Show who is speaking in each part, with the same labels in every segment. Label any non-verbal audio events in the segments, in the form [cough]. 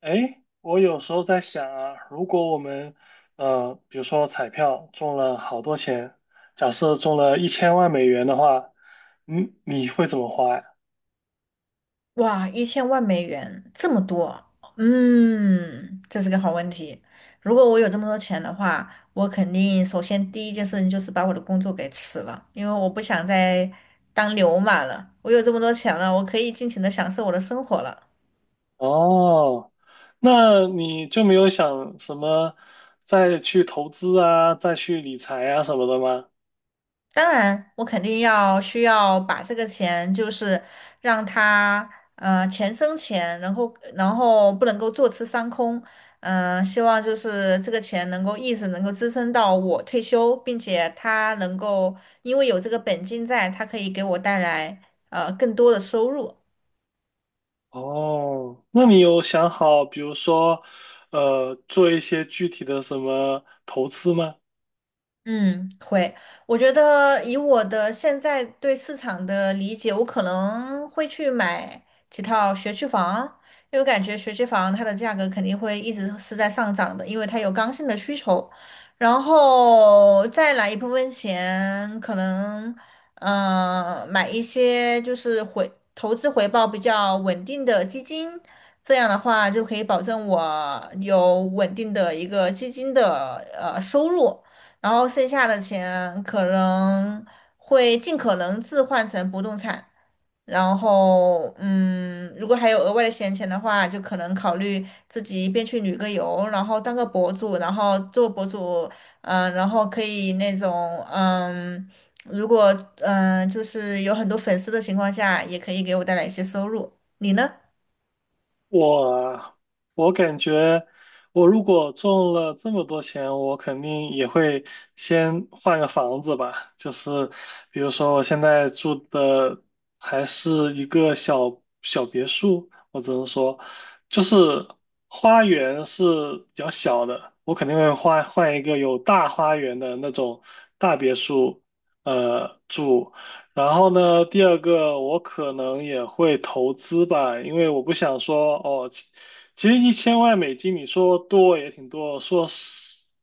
Speaker 1: 哎，我有时候在想啊，如果我们，比如说彩票中了好多钱，假设中了一千万美元的话，你会怎么花呀？
Speaker 2: 哇，1000万美元这么多，嗯，这是个好问题。如果我有这么多钱的话，我肯定首先第一件事情就是把我的工作给辞了，因为我不想再当牛马了。我有这么多钱了，我可以尽情的享受我的生活了。
Speaker 1: 哦，那你就没有想什么再去投资啊，再去理财啊什么的吗？
Speaker 2: 当然，我肯定要需要把这个钱，就是让它钱生钱，然后不能够坐吃山空，希望就是这个钱能够一直能够支撑到我退休，并且它能够因为有这个本金在，它可以给我带来更多的收入。
Speaker 1: 哦，那你有想好，比如说，做一些具体的什么投资吗？
Speaker 2: 嗯，会。我觉得以我的现在对市场的理解，我可能会去买几套学区房，因为我感觉学区房它的价格肯定会一直是在上涨的，因为它有刚性的需求。然后再来一部分钱，可能买一些就是投资回报比较稳定的基金，这样的话就可以保证我有稳定的一个基金的收入。然后剩下的钱可能会尽可能置换成不动产，然后如果还有额外的闲钱的话，就可能考虑自己一边去旅个游，然后当个博主，然后做博主，然后可以那种嗯，如果就是有很多粉丝的情况下，也可以给我带来一些收入。你呢？
Speaker 1: 我我感觉，我如果中了这么多钱，我肯定也会先换个房子吧。就是比如说，我现在住的还是一个小小别墅，我只能说，就是花园是比较小的，我肯定会换一个有大花园的那种大别墅，住。然后呢，第二个我可能也会投资吧，因为我不想说哦，其实一千万美金你说多也挺多，说少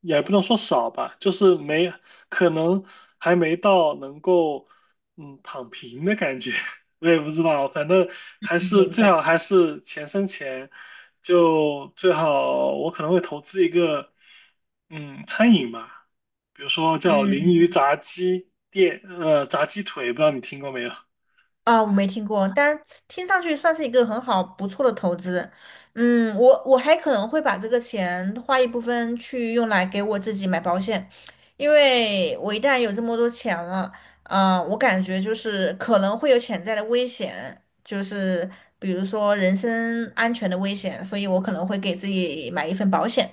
Speaker 1: 也不能说少吧，就是没可能还没到能够躺平的感觉，[laughs] 我也不知道，反正还
Speaker 2: 嗯，
Speaker 1: 是
Speaker 2: 明
Speaker 1: 最好
Speaker 2: 白。
Speaker 1: 还是钱生钱，就最好我可能会投资一个嗯餐饮吧。比如说叫
Speaker 2: 嗯。
Speaker 1: 鲮鱼炸鸡店，炸鸡腿，不知道你听过没有
Speaker 2: 啊，我没听过，但听上去算是一个很好不错的投资。嗯，我还可能会把这个钱花一部分去用来给我自己买保险，因为我一旦有这么多钱了，我感觉就是可能会有潜在的危险，就是比如说人身安全的危险，所以我可能会给自己买一份保险。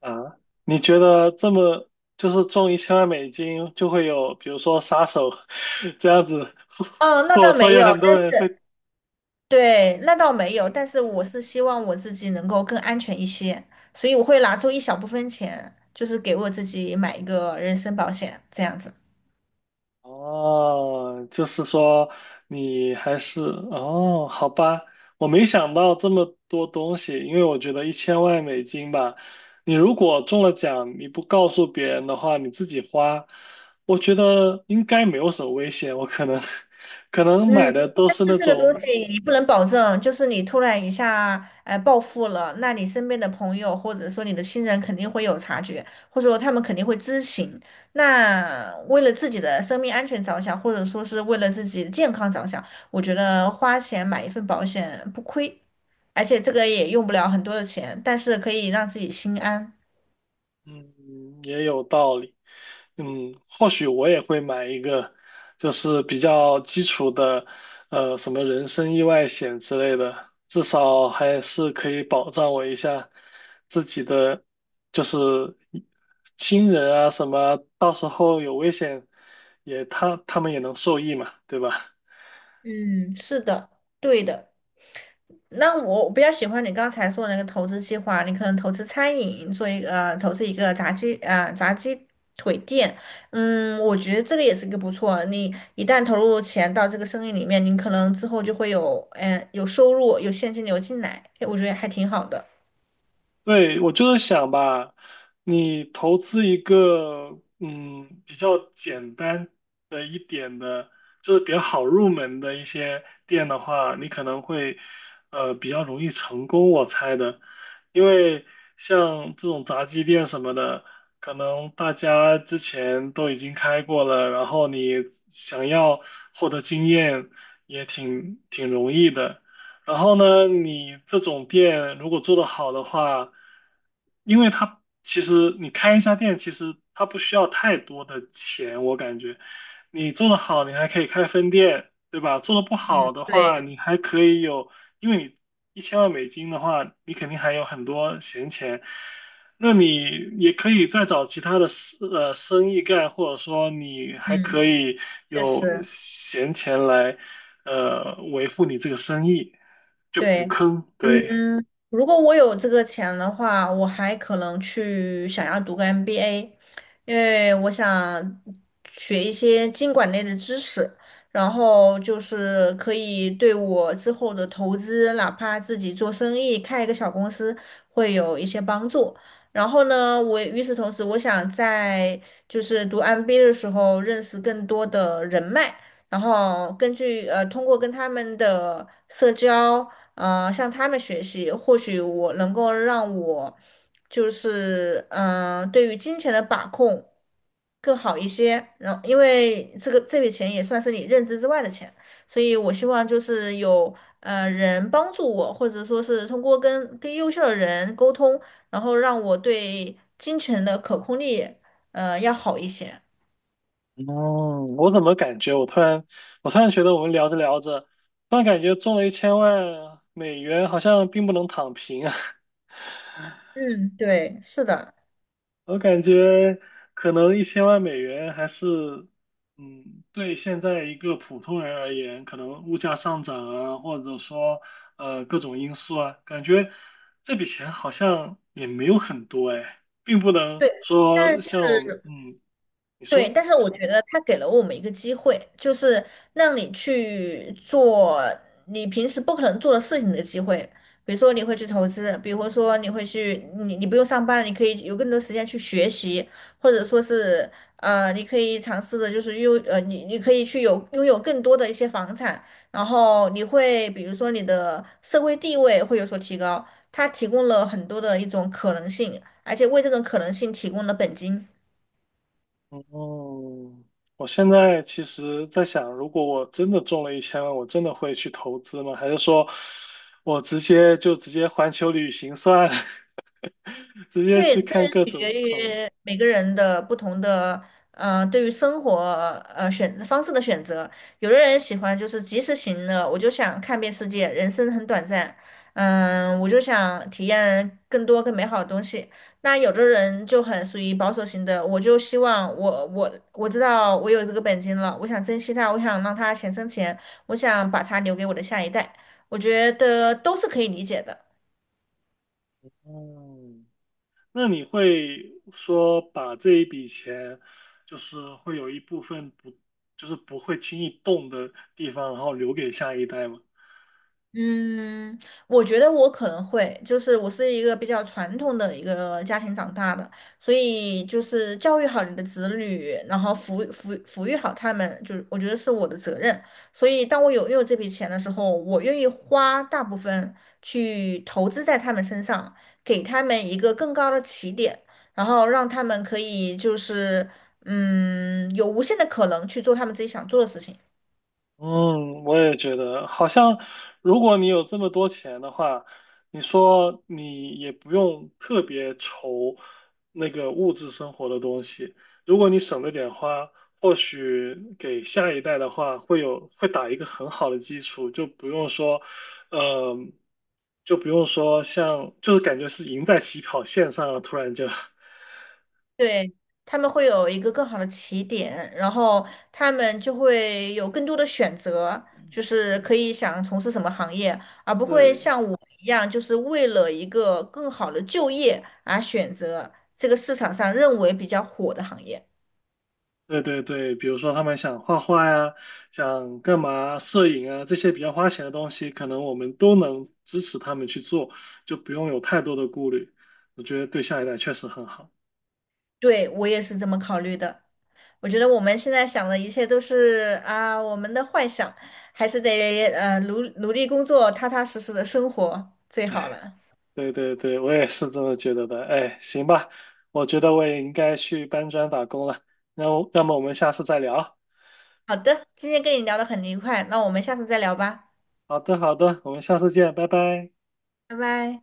Speaker 1: 啊？你觉得这么就是中一千万美金就会有，比如说杀手 [laughs] 这样子，
Speaker 2: 哦，
Speaker 1: [laughs]
Speaker 2: 那
Speaker 1: 或者
Speaker 2: 倒
Speaker 1: 说
Speaker 2: 没
Speaker 1: 有
Speaker 2: 有，
Speaker 1: 很多人会
Speaker 2: 对，那倒没有，
Speaker 1: 填
Speaker 2: 但是我是希望我自己能够更安全一些，所以我会拿出一小部分钱，就是给我自己买一个人身保险，这样子。
Speaker 1: 哦，就是说你还是哦，好吧，我没想到这么多东西，因为我觉得一千万美金吧，你如果中了奖，你不告诉别人的话，你自己花，我觉得应该没有什么危险，我可能 [laughs] 可能
Speaker 2: 嗯，
Speaker 1: 买的都是
Speaker 2: 是
Speaker 1: 那
Speaker 2: 这个东
Speaker 1: 种，
Speaker 2: 西你不能保证，就是你突然一下暴富了，那你身边的朋友或者说你的亲人肯定会有察觉，或者说他们肯定会知情。那为了自己的生命安全着想，或者说是为了自己的健康着想，我觉得花钱买一份保险不亏。而且这个也用不了很多的钱，但是可以让自己心安。
Speaker 1: 嗯，也有道理。嗯，或许我也会买一个，就是比较基础的，什么人身意外险之类的，至少还是可以保障我一下自己的，就是亲人啊什么，到时候有危险也他们也能受益嘛，对吧？
Speaker 2: 嗯，是的，对的。那我比较喜欢你刚才说的那个投资计划，你可能投资餐饮，做一个呃投资一个炸鸡腿店，嗯，我觉得这个也是一个不错。你一旦投入钱到这个生意里面，你可能之后就会有有收入，有现金流进来，我觉得还挺好的。
Speaker 1: 对，我就是想吧，你投资一个比较简单的一点的，就是比较好入门的一些店的话，你可能会比较容易成功，我猜的，因为像这种炸鸡店什么的，可能大家之前都已经开过了，然后你想要获得经验也挺容易的。然后呢，你这种店如果做得好的话，因为它其实你开一家店，其实它不需要太多的钱，我感觉你做得好，你还可以开分店，对吧？做得不好的话，
Speaker 2: 对，
Speaker 1: 你还可以有，因为你一千万美金的话，你肯定还有很多闲钱，那你也可以再找其他的生意干，或者说你还
Speaker 2: 嗯，
Speaker 1: 可以
Speaker 2: 确
Speaker 1: 有
Speaker 2: 实，
Speaker 1: 闲钱来。呃维护你这个生意，就补
Speaker 2: 对。
Speaker 1: 坑。对，
Speaker 2: 嗯，如果我有这个钱的话，我还可能去想要读个 MBA,因为我想学一些经管类的知识，然后就是可以对我之后的投资，哪怕自己做生意，开一个小公司，会有一些帮助。然后呢，我与此同时，我想在就是读 MBA 的时候认识更多的人脉。然后通过跟他们的社交，向他们学习，或许我能够让我就是对于金钱的把控更好一些。然后，因为这个这笔钱也算是你认知之外的钱，所以我希望就是有人帮助我，或者说是通过跟优秀的人沟通，然后让我对金钱的可控力要好一些。
Speaker 1: 嗯，我怎么感觉我突然觉得我们聊着聊着，突然感觉中了一千万美元好像并不能躺平啊，
Speaker 2: 嗯，对，是的。
Speaker 1: [laughs] 我感觉可能1000万美元还是。嗯，对现在一个普通人而言，可能物价上涨啊，或者说各种因素啊，感觉这笔钱好像也没有很多哎，并不能
Speaker 2: 对。但
Speaker 1: 说
Speaker 2: 是。
Speaker 1: 像我，你
Speaker 2: 对，
Speaker 1: 说。
Speaker 2: 但是我觉得他给了我们一个机会，就是让你去做你平时不可能做的事情的机会。比如说你会去投资，比如说你会去，你不用上班了，你可以有更多时间去学习，或者说是你可以尝试的就是你可以去拥有更多的一些房产，然后你会比如说你的社会地位会有所提高，它提供了很多的一种可能性，而且为这种可能性提供了本金。
Speaker 1: 哦，我现在其实在想，如果我真的中了一千万，我真的会去投资吗？还是说我直接环球旅行算了，[laughs] 直接
Speaker 2: 对，
Speaker 1: 去
Speaker 2: 这
Speaker 1: 看各
Speaker 2: 取决
Speaker 1: 种不同？
Speaker 2: 于每个人的不同的，对于生活方式的选择。有的人喜欢就是及时行乐，我就想看遍世界，人生很短暂，嗯，我就想体验更多更美好的东西。那有的人就很属于保守型的，我就希望我知道我有这个本金了，我想珍惜它，我想让它钱生钱，我想把它留给我的下一代。我觉得都是可以理解的。
Speaker 1: 嗯，那你会说把这一笔钱，就是会有一部分不，就是不会轻易动的地方，然后留给下一代吗？
Speaker 2: 嗯，我觉得我可能会，就是我是一个比较传统的一个家庭长大的，所以就是教育好你的子女，然后抚育好他们，就是我觉得是我的责任。所以当我有拥有这笔钱的时候，我愿意花大部分去投资在他们身上，给他们一个更高的起点，然后让他们可以就是有无限的可能去做他们自己想做的事情。
Speaker 1: 嗯，我也觉得，好像如果你有这么多钱的话，你说你也不用特别愁那个物质生活的东西。如果你省着点花，或许给下一代的话，会有会打一个很好的基础，就不用说，呃，就不用说像，就是感觉是赢在起跑线上了，突然就，
Speaker 2: 对，他们会有一个更好的起点，然后他们就会有更多的选择，就是可以想从事什么行业，而不
Speaker 1: [laughs]
Speaker 2: 会
Speaker 1: 对。
Speaker 2: 像我一样，就是为了一个更好的就业而选择这个市场上认为比较火的行业。
Speaker 1: 对对对，比如说他们想画画呀，想干嘛，摄影啊，这些比较花钱的东西，可能我们都能支持他们去做，就不用有太多的顾虑。我觉得对下一代确实很好。
Speaker 2: 对，我也是这么考虑的。我觉得我们现在想的一切都是啊，我们的幻想，还是得努力工作，踏踏实实的生活最好了。
Speaker 1: 对对对，我也是这么觉得的。哎，行吧，我觉得我也应该去搬砖打工了。那我，那么我们下次再聊。
Speaker 2: 好的，今天跟你聊得很愉快，那我们下次再聊吧，
Speaker 1: 好的好的，我们下次见，拜拜。
Speaker 2: 拜拜。